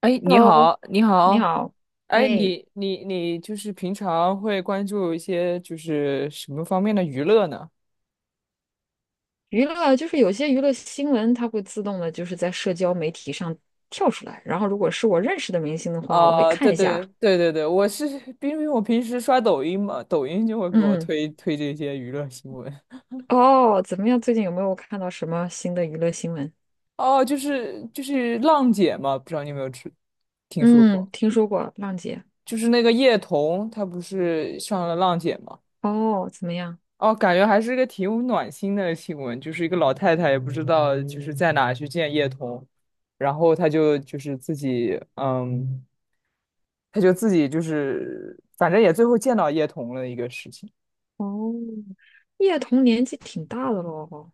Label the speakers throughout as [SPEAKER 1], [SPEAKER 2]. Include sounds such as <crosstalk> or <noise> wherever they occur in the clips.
[SPEAKER 1] 哎，你
[SPEAKER 2] 喽，
[SPEAKER 1] 好，你
[SPEAKER 2] 你
[SPEAKER 1] 好，
[SPEAKER 2] 好，
[SPEAKER 1] 哎，
[SPEAKER 2] 哎，
[SPEAKER 1] 你就是平常会关注一些就是什么方面的娱乐呢？
[SPEAKER 2] 娱乐就是有些娱乐新闻，它会自动的，就是在社交媒体上跳出来。然后，如果是我认识的明星的话，我会
[SPEAKER 1] 啊、
[SPEAKER 2] 看
[SPEAKER 1] 对
[SPEAKER 2] 一下。
[SPEAKER 1] 对对对对，我是因为我平时刷抖音嘛，抖音就会给我
[SPEAKER 2] 嗯
[SPEAKER 1] 推这些娱乐新闻。
[SPEAKER 2] 嗯，哦，怎么样？最近有没有看到什么新的娱乐新闻？
[SPEAKER 1] 哦，就是浪姐嘛，不知道你有没有听说
[SPEAKER 2] 嗯，
[SPEAKER 1] 过？
[SPEAKER 2] 听说过浪姐。
[SPEAKER 1] 就是那个叶童，她不是上了浪姐吗？
[SPEAKER 2] 哦，怎么样？
[SPEAKER 1] 哦，感觉还是个挺有暖心的新闻，就是一个老太太也不知道就是在哪去见叶童，然后她就是自己，她就自己就是反正也最后见到叶童了一个事情，
[SPEAKER 2] 哦，叶童年纪挺大的喽。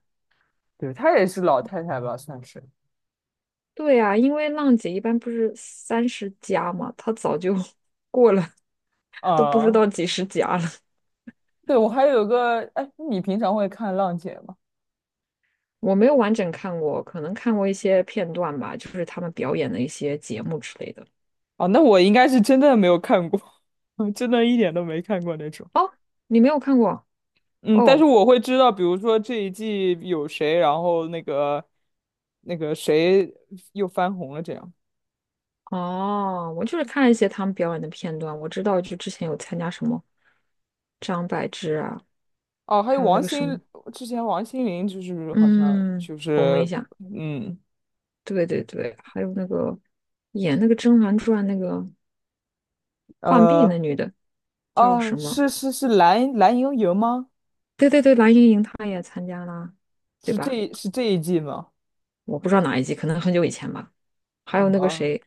[SPEAKER 1] 对，她也是老太太吧，算是，
[SPEAKER 2] 对呀，因为浪姐一般不是30+嘛，她早就 <laughs> 过了，都不知
[SPEAKER 1] 啊、
[SPEAKER 2] 道几十加了。
[SPEAKER 1] 对，我还有个，哎，你平常会看浪姐吗？
[SPEAKER 2] 我没有完整看过，可能看过一些片段吧，就是他们表演的一些节目之类的。
[SPEAKER 1] 哦，那我应该是真的没有看过，<laughs> 真的一点都没看过那种。
[SPEAKER 2] 哦，你没有看过？
[SPEAKER 1] 嗯，但是
[SPEAKER 2] 哦
[SPEAKER 1] 我会知道，比如说这一季有谁，然后那个那个谁又翻红了这样。
[SPEAKER 2] 哦，我就是看了一些他们表演的片段，我知道就之前有参加什么张柏芝啊，
[SPEAKER 1] 哦，还
[SPEAKER 2] 还
[SPEAKER 1] 有
[SPEAKER 2] 有那
[SPEAKER 1] 王
[SPEAKER 2] 个什么，
[SPEAKER 1] 心，之前王心凌就是好像
[SPEAKER 2] 嗯，
[SPEAKER 1] 就
[SPEAKER 2] 红了
[SPEAKER 1] 是
[SPEAKER 2] 一下，
[SPEAKER 1] 嗯
[SPEAKER 2] 对对对，还有那个演那个《甄嬛传》那个浣碧
[SPEAKER 1] 呃
[SPEAKER 2] 那女的叫
[SPEAKER 1] 哦
[SPEAKER 2] 什么？
[SPEAKER 1] 是蓝盈莹吗？
[SPEAKER 2] 对对对，蓝盈莹她也参加了，对吧？
[SPEAKER 1] 是这一季吗？
[SPEAKER 2] 我不知道哪一季，可能很久以前吧。还
[SPEAKER 1] 啊
[SPEAKER 2] 有那个
[SPEAKER 1] 啊，
[SPEAKER 2] 谁，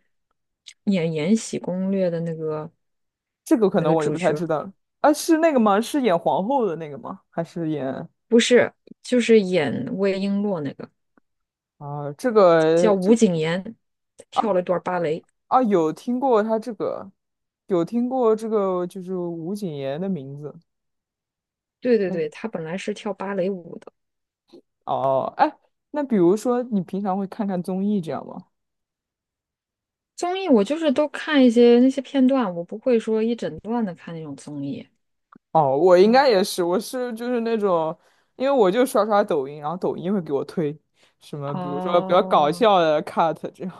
[SPEAKER 2] 演《延禧攻略》的那个
[SPEAKER 1] 这个可
[SPEAKER 2] 那
[SPEAKER 1] 能
[SPEAKER 2] 个
[SPEAKER 1] 我就
[SPEAKER 2] 主
[SPEAKER 1] 不太
[SPEAKER 2] 角儿，
[SPEAKER 1] 知道了。啊，是那个吗？是演皇后的那个吗？还是演
[SPEAKER 2] 不是，就是演魏璎珞那个
[SPEAKER 1] 啊这
[SPEAKER 2] 叫
[SPEAKER 1] 个这？
[SPEAKER 2] 吴谨言，
[SPEAKER 1] 啊？
[SPEAKER 2] 跳了一段芭蕾。
[SPEAKER 1] 啊，有听过他这个，有听过这个，就是吴谨言的名字。
[SPEAKER 2] 对对
[SPEAKER 1] 嗯，
[SPEAKER 2] 对，她本来是跳芭蕾舞的。
[SPEAKER 1] 哦，哎，那比如说你平常会看看综艺这样吗？
[SPEAKER 2] 综艺我就是都看一些那些片段，我不会说一整段的看那种综艺。
[SPEAKER 1] 哦，我应
[SPEAKER 2] 嗯，
[SPEAKER 1] 该也是，我是就是那种，因为我就刷抖音，然后抖音会给我推什么，比如说比较搞
[SPEAKER 2] 哦，
[SPEAKER 1] 笑的 cut 这样，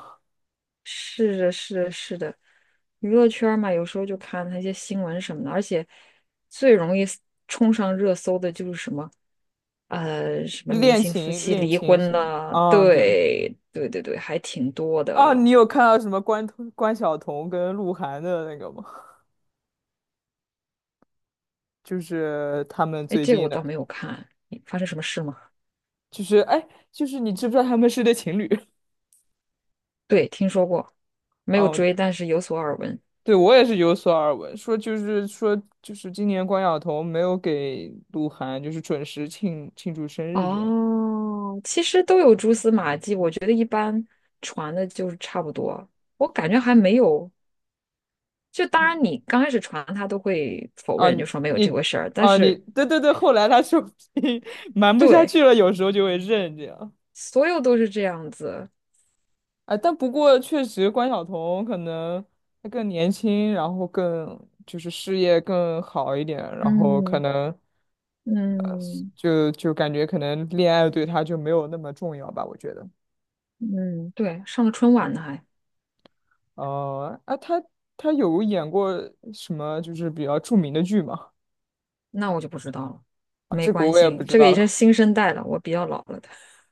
[SPEAKER 2] 是的，是的，是的，娱乐圈儿嘛，有时候就看那些新闻什么的，而且最容易 冲上热搜的就是什么什么明
[SPEAKER 1] 恋
[SPEAKER 2] 星夫
[SPEAKER 1] 情
[SPEAKER 2] 妻
[SPEAKER 1] 恋
[SPEAKER 2] 离
[SPEAKER 1] 情
[SPEAKER 2] 婚
[SPEAKER 1] 什么。
[SPEAKER 2] 了，
[SPEAKER 1] 啊，对，
[SPEAKER 2] 对对对对，还挺多
[SPEAKER 1] 啊，
[SPEAKER 2] 的。
[SPEAKER 1] 你有看到什么关晓彤跟鹿晗的那个吗？就是他们
[SPEAKER 2] 哎，
[SPEAKER 1] 最
[SPEAKER 2] 这个
[SPEAKER 1] 近
[SPEAKER 2] 我倒
[SPEAKER 1] 的，
[SPEAKER 2] 没有看，发生什么事吗？
[SPEAKER 1] 就是哎，就是你知不知道他们是对情侣？
[SPEAKER 2] 对，听说过，没有
[SPEAKER 1] 哦，
[SPEAKER 2] 追，但是有所耳闻。
[SPEAKER 1] 对，我也是有所耳闻，说就是说就是今年关晓彤没有给鹿晗就是准时庆祝生日这样。
[SPEAKER 2] 哦，其实都有蛛丝马迹，我觉得一般传的就是差不多。我感觉还没有，就当然你刚开始传他都会否
[SPEAKER 1] 啊，
[SPEAKER 2] 认，就说没有这回
[SPEAKER 1] 你
[SPEAKER 2] 事儿，但
[SPEAKER 1] 啊你
[SPEAKER 2] 是
[SPEAKER 1] 对对对，后来他说机 <laughs> 瞒不下
[SPEAKER 2] 对，
[SPEAKER 1] 去了，有时候就会认这样。
[SPEAKER 2] 所有都是这样子。
[SPEAKER 1] 啊，但不过确实关晓彤可能她更年轻，然后更就是事业更好一点，然后可
[SPEAKER 2] 嗯
[SPEAKER 1] 能
[SPEAKER 2] 嗯
[SPEAKER 1] 就感觉可能恋爱对她就没有那么重要吧，我觉得。
[SPEAKER 2] 嗯，对，上了春晚呢还。
[SPEAKER 1] 哦啊，他他有演过什么就是比较著名的剧吗？
[SPEAKER 2] 那我就不知道了，
[SPEAKER 1] 啊，
[SPEAKER 2] 没
[SPEAKER 1] 这个
[SPEAKER 2] 关
[SPEAKER 1] 我也不
[SPEAKER 2] 心，
[SPEAKER 1] 知
[SPEAKER 2] 这个
[SPEAKER 1] 道
[SPEAKER 2] 也是
[SPEAKER 1] 了。
[SPEAKER 2] 新生代了，我比较老了的。<laughs>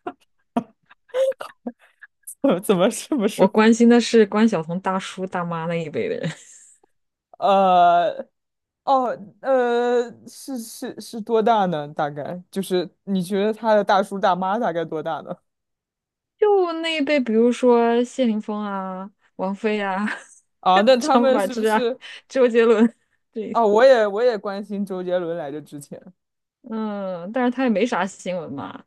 [SPEAKER 1] <laughs> 怎么这么
[SPEAKER 2] 我
[SPEAKER 1] 说？
[SPEAKER 2] 关心的是关晓彤大叔大妈那一辈的人，
[SPEAKER 1] 呃，哦，是多大呢？大概就是你觉得他的大叔大妈大概多大呢？
[SPEAKER 2] <laughs> 就那一辈，比如说谢霆锋啊、王菲啊、
[SPEAKER 1] 啊，那
[SPEAKER 2] <laughs>
[SPEAKER 1] 他
[SPEAKER 2] 张
[SPEAKER 1] 们
[SPEAKER 2] 柏
[SPEAKER 1] 是不
[SPEAKER 2] 芝啊、
[SPEAKER 1] 是？
[SPEAKER 2] 周杰伦，对，
[SPEAKER 1] 啊，我也关心周杰伦来着之前，
[SPEAKER 2] 嗯，但是他也没啥新闻嘛，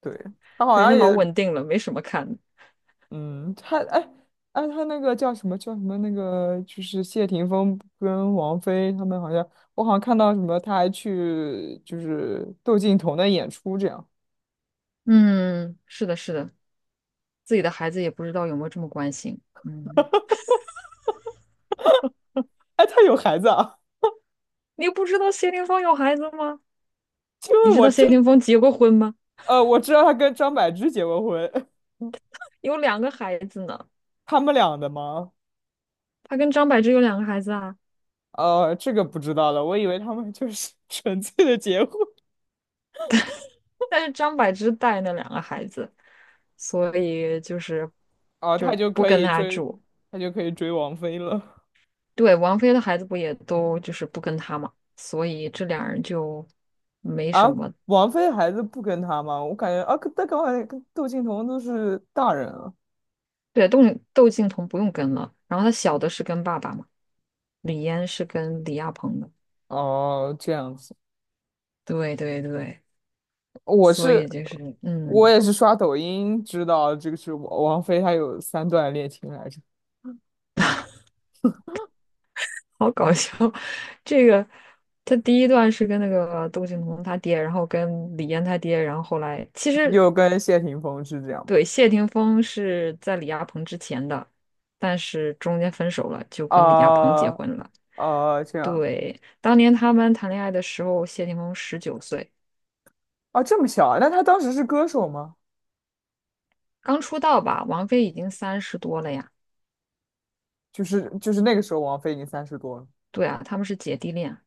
[SPEAKER 1] 对，他好
[SPEAKER 2] 人
[SPEAKER 1] 像
[SPEAKER 2] 家老
[SPEAKER 1] 也。
[SPEAKER 2] 稳定了，没什么看的。
[SPEAKER 1] 嗯，他哎哎，他那个叫什么那个，就是谢霆锋跟王菲他们好像，我好像看到什么，他还去就是窦靖童的演出这样。
[SPEAKER 2] 嗯，是的，是的，自己的孩子也不知道有没有这么关心。嗯，
[SPEAKER 1] 哎，他有孩子啊？
[SPEAKER 2] 你不知道谢霆锋有孩子吗？
[SPEAKER 1] <laughs> 因
[SPEAKER 2] 你
[SPEAKER 1] 为
[SPEAKER 2] 知
[SPEAKER 1] 我
[SPEAKER 2] 道谢
[SPEAKER 1] 真
[SPEAKER 2] 霆锋结过婚吗？
[SPEAKER 1] 我知道他跟张柏芝结过婚，
[SPEAKER 2] 有两个孩子呢。
[SPEAKER 1] <laughs> 他们俩的吗？
[SPEAKER 2] 他跟张柏芝有两个孩子啊，
[SPEAKER 1] 呃，这个不知道了，我以为他们就是 <laughs> 纯粹的结婚，
[SPEAKER 2] 但是张柏芝带那两个孩子，所以就是
[SPEAKER 1] 哦、
[SPEAKER 2] 就
[SPEAKER 1] 他
[SPEAKER 2] 是
[SPEAKER 1] 就
[SPEAKER 2] 不
[SPEAKER 1] 可
[SPEAKER 2] 跟
[SPEAKER 1] 以
[SPEAKER 2] 他
[SPEAKER 1] 追，
[SPEAKER 2] 住。
[SPEAKER 1] 他就可以追王菲了
[SPEAKER 2] 对，王菲的孩子不也都就是不跟他嘛，所以这俩人就没
[SPEAKER 1] 啊。
[SPEAKER 2] 什么。
[SPEAKER 1] 王菲孩子不跟他吗？我感觉啊，可但刚才跟窦靖童都是大人啊。
[SPEAKER 2] 对，窦靖童不用跟了，然后他小的是跟爸爸嘛，李嫣是跟李亚鹏的。
[SPEAKER 1] 哦，这样子，
[SPEAKER 2] 对对对，
[SPEAKER 1] 我
[SPEAKER 2] 所
[SPEAKER 1] 是
[SPEAKER 2] 以就是
[SPEAKER 1] 我
[SPEAKER 2] 嗯，
[SPEAKER 1] 也是刷抖音知道这个是王菲，她有三段恋情来着，
[SPEAKER 2] 好搞笑。<laughs> 这个他第一段是跟那个窦靖童他爹，然后跟李嫣他爹，然后后来其实
[SPEAKER 1] 又跟谢霆锋是这样吗？
[SPEAKER 2] 对，谢霆锋是在李亚鹏之前的，但是中间分手了，就跟李亚鹏结
[SPEAKER 1] 啊、
[SPEAKER 2] 婚了。
[SPEAKER 1] 啊，这样
[SPEAKER 2] 对，当年他们谈恋爱的时候，谢霆锋19岁，
[SPEAKER 1] 啊，这么小啊？那她当时是歌手吗？
[SPEAKER 2] 刚出道吧，王菲已经30多了呀。
[SPEAKER 1] 就是那个时候王菲已经三十多了，
[SPEAKER 2] 对啊，他们是姐弟恋，好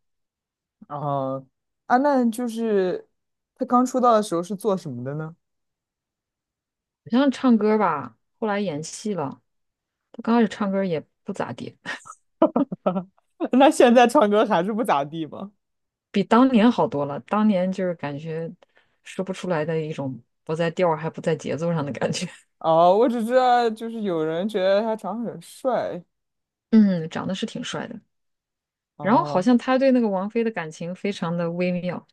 [SPEAKER 1] 啊啊，那就是她刚出道的时候是做什么的呢？
[SPEAKER 2] 像唱歌吧，后来演戏了。他刚开始唱歌也不咋地，<laughs>
[SPEAKER 1] <laughs> 那现在唱歌还是不咋地吗？
[SPEAKER 2] 比当年好多了。当年就是感觉说不出来的一种不在调儿还不在节奏上的感觉。
[SPEAKER 1] 哦，我只知道就是有人觉得他长得很帅。
[SPEAKER 2] <laughs> 嗯，长得是挺帅的。然后好
[SPEAKER 1] 哦，
[SPEAKER 2] 像他对那个王菲的感情非常的微妙，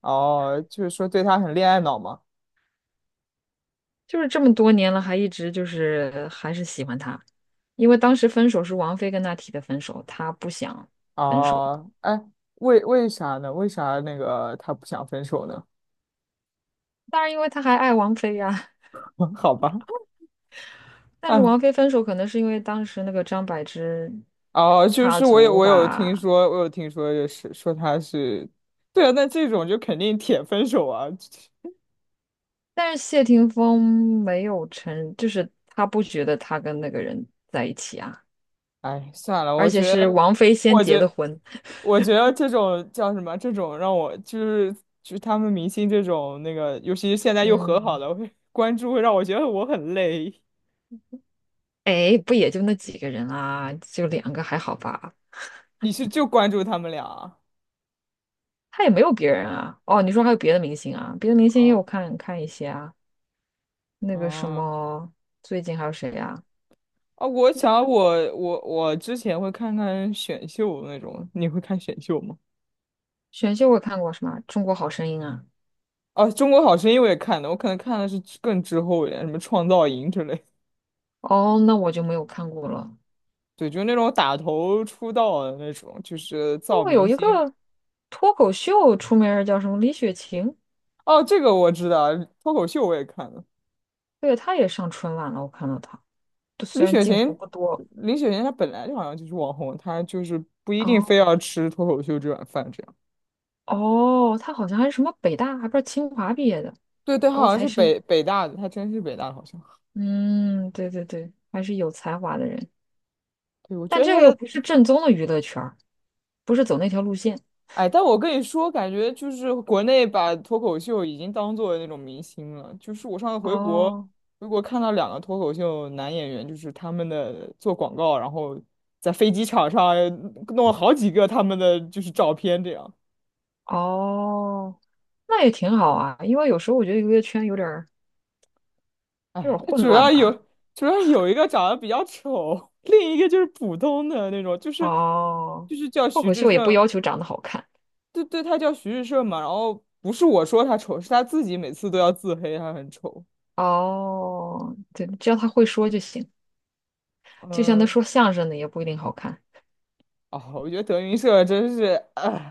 [SPEAKER 1] 哦，就是说对他很恋爱脑嘛。
[SPEAKER 2] 就是这么多年了，还一直就是还是喜欢她，因为当时分手是王菲跟他提的分手，他不想分手，
[SPEAKER 1] 哦，哎，为啥呢？为啥那个他不想分手呢？
[SPEAKER 2] 当然因为他还爱王菲呀。
[SPEAKER 1] <laughs> 好吧，
[SPEAKER 2] 但
[SPEAKER 1] 哎，
[SPEAKER 2] 是王菲分手可能是因为当时那个张柏芝
[SPEAKER 1] 哦，就
[SPEAKER 2] 插
[SPEAKER 1] 是
[SPEAKER 2] 足
[SPEAKER 1] 我有听
[SPEAKER 2] 吧，
[SPEAKER 1] 说，我有听说，就是说他是，对啊，那这种就肯定铁分手啊。
[SPEAKER 2] 但是谢霆锋没有承，就是他不觉得他跟那个人在一起啊，
[SPEAKER 1] 哎，算了，
[SPEAKER 2] 而
[SPEAKER 1] 我
[SPEAKER 2] 且
[SPEAKER 1] 觉
[SPEAKER 2] 是
[SPEAKER 1] 得，
[SPEAKER 2] 王菲先
[SPEAKER 1] 我
[SPEAKER 2] 结
[SPEAKER 1] 觉
[SPEAKER 2] 的婚，
[SPEAKER 1] 我觉得这种叫什么？这种让我就是就是他们明星这种那个，尤其是现在
[SPEAKER 2] <laughs>
[SPEAKER 1] 又和好
[SPEAKER 2] 嗯。
[SPEAKER 1] 了，会关注会让我觉得我很累。
[SPEAKER 2] 哎，不也就那几个人啊，就两个还好吧？
[SPEAKER 1] 你是就关注他们俩啊？
[SPEAKER 2] 他也没有别人啊。哦，你说还有别的明星啊？别的明星也有
[SPEAKER 1] 哦
[SPEAKER 2] 看看一些啊。那个什
[SPEAKER 1] 啊
[SPEAKER 2] 么，最近还有谁啊？
[SPEAKER 1] 啊！我之前会看看选秀那种，你会看选秀吗？
[SPEAKER 2] 选秀我看过什么《中国好声音》啊？
[SPEAKER 1] 啊，《中国好声音》我也看的，我可能看的是之更滞后一点，什么创造营之类
[SPEAKER 2] 哦，那我就没有看过了。
[SPEAKER 1] 对，就那种打头出道的那种，就是
[SPEAKER 2] 那
[SPEAKER 1] 造
[SPEAKER 2] 个有
[SPEAKER 1] 明
[SPEAKER 2] 一
[SPEAKER 1] 星。
[SPEAKER 2] 个脱口秀出名儿叫什么李雪琴，
[SPEAKER 1] 哦，这个我知道，脱口秀我也看了。
[SPEAKER 2] 对，她也上春晚了，我看到她，对虽
[SPEAKER 1] 李
[SPEAKER 2] 然
[SPEAKER 1] 雪
[SPEAKER 2] 镜头
[SPEAKER 1] 琴，
[SPEAKER 2] 不多。
[SPEAKER 1] 李雪琴她本来就好像就是网红，她就是不一定
[SPEAKER 2] 哦
[SPEAKER 1] 非要吃脱口秀这碗饭这样。
[SPEAKER 2] 哦，她好像还是什么北大，还不是清华毕业的
[SPEAKER 1] 对对，她
[SPEAKER 2] 高
[SPEAKER 1] 好像
[SPEAKER 2] 材
[SPEAKER 1] 是
[SPEAKER 2] 生。
[SPEAKER 1] 北大的，她真是北大的，好像。
[SPEAKER 2] 嗯，对对对，还是有才华的人，
[SPEAKER 1] 对，我觉
[SPEAKER 2] 但
[SPEAKER 1] 得
[SPEAKER 2] 这
[SPEAKER 1] 她
[SPEAKER 2] 个又
[SPEAKER 1] 的
[SPEAKER 2] 不是正宗的娱乐圈儿，不是走那条路线。
[SPEAKER 1] 哎，但我跟你说，感觉就是国内把脱口秀已经当做那种明星了。就是我上次回国，
[SPEAKER 2] 哦
[SPEAKER 1] 回国看到两个脱口秀男演员，就是他们的做广告，然后在飞机场上弄了好几个他们的就是照片，这样。
[SPEAKER 2] 哦，那也挺好啊，因为有时候我觉得娱乐圈有点儿有点
[SPEAKER 1] 哎，
[SPEAKER 2] 儿
[SPEAKER 1] 那
[SPEAKER 2] 混
[SPEAKER 1] 主
[SPEAKER 2] 乱
[SPEAKER 1] 要有
[SPEAKER 2] 吧。
[SPEAKER 1] 主要有一个长得比较丑，另一个就是普通的那种，就是
[SPEAKER 2] 哦，
[SPEAKER 1] 就是叫
[SPEAKER 2] 脱
[SPEAKER 1] 徐
[SPEAKER 2] 口
[SPEAKER 1] 志
[SPEAKER 2] 秀也不
[SPEAKER 1] 胜，
[SPEAKER 2] 要求长得好看。
[SPEAKER 1] 对对，他叫徐志胜嘛。然后不是我说他丑，是他自己每次都要自黑，他很丑。
[SPEAKER 2] 哦，对，只要他会说就行，就像他
[SPEAKER 1] 嗯，
[SPEAKER 2] 说相声的也不一定好看。
[SPEAKER 1] 哦，我觉得德云社真是，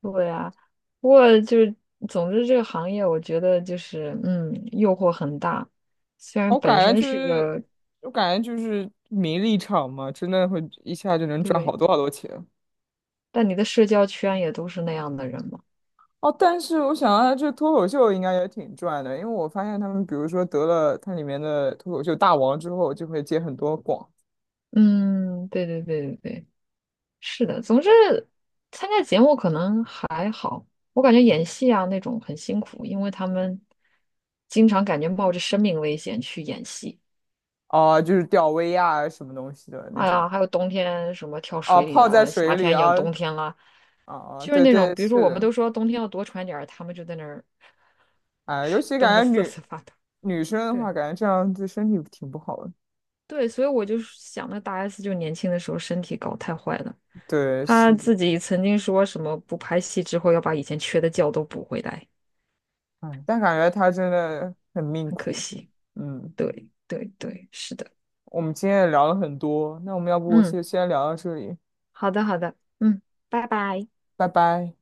[SPEAKER 2] 对啊，不过就是总之这个行业，我觉得就是嗯，诱惑很大，虽然
[SPEAKER 1] 我
[SPEAKER 2] 本
[SPEAKER 1] 感觉
[SPEAKER 2] 身
[SPEAKER 1] 就
[SPEAKER 2] 是
[SPEAKER 1] 是，
[SPEAKER 2] 个
[SPEAKER 1] 我感觉就是名利场嘛，真的会一下就能赚好
[SPEAKER 2] 对。
[SPEAKER 1] 多好多钱。
[SPEAKER 2] 但你的社交圈也都是那样的人嘛。
[SPEAKER 1] 哦，但是我想啊，这脱口秀应该也挺赚的，因为我发现他们，比如说得了它里面的脱口秀大王之后，就会接很多广，
[SPEAKER 2] 嗯，对对对对对，是的。总之，参加节目可能还好，我感觉演戏啊那种很辛苦，因为他们经常感觉冒着生命危险去演戏。
[SPEAKER 1] 啊，就是吊威亚啊什么东西的那
[SPEAKER 2] 哎
[SPEAKER 1] 种，
[SPEAKER 2] 呀，还有冬天什么跳
[SPEAKER 1] 哦、
[SPEAKER 2] 水里
[SPEAKER 1] 泡在
[SPEAKER 2] 了，
[SPEAKER 1] 水
[SPEAKER 2] 夏
[SPEAKER 1] 里
[SPEAKER 2] 天演
[SPEAKER 1] 啊，
[SPEAKER 2] 冬天了，
[SPEAKER 1] 啊、
[SPEAKER 2] 就是
[SPEAKER 1] 对
[SPEAKER 2] 那种，
[SPEAKER 1] 对，
[SPEAKER 2] 比如说
[SPEAKER 1] 是
[SPEAKER 2] 我们
[SPEAKER 1] 的，
[SPEAKER 2] 都说冬天要多穿点儿，他们就在那儿
[SPEAKER 1] 哎，尤
[SPEAKER 2] <laughs>
[SPEAKER 1] 其
[SPEAKER 2] 冻得
[SPEAKER 1] 感
[SPEAKER 2] 瑟
[SPEAKER 1] 觉
[SPEAKER 2] 瑟发抖。
[SPEAKER 1] 女女生的
[SPEAKER 2] 对
[SPEAKER 1] 话，感觉这样对身体挺不好的。
[SPEAKER 2] 对，所以我就想，那大 S 就年轻的时候身体搞太坏了。
[SPEAKER 1] 对，
[SPEAKER 2] 他
[SPEAKER 1] 是的。
[SPEAKER 2] 自己曾经说什么不拍戏之后要把以前缺的觉都补回来，
[SPEAKER 1] 哎，但感觉他真的很命
[SPEAKER 2] 很可
[SPEAKER 1] 苦。
[SPEAKER 2] 惜。
[SPEAKER 1] 嗯，
[SPEAKER 2] 对对对，是的，
[SPEAKER 1] 我们今天也聊了很多，那我们要不
[SPEAKER 2] 嗯，
[SPEAKER 1] 先聊到这里，
[SPEAKER 2] 好的好的，嗯，拜拜。
[SPEAKER 1] 拜拜。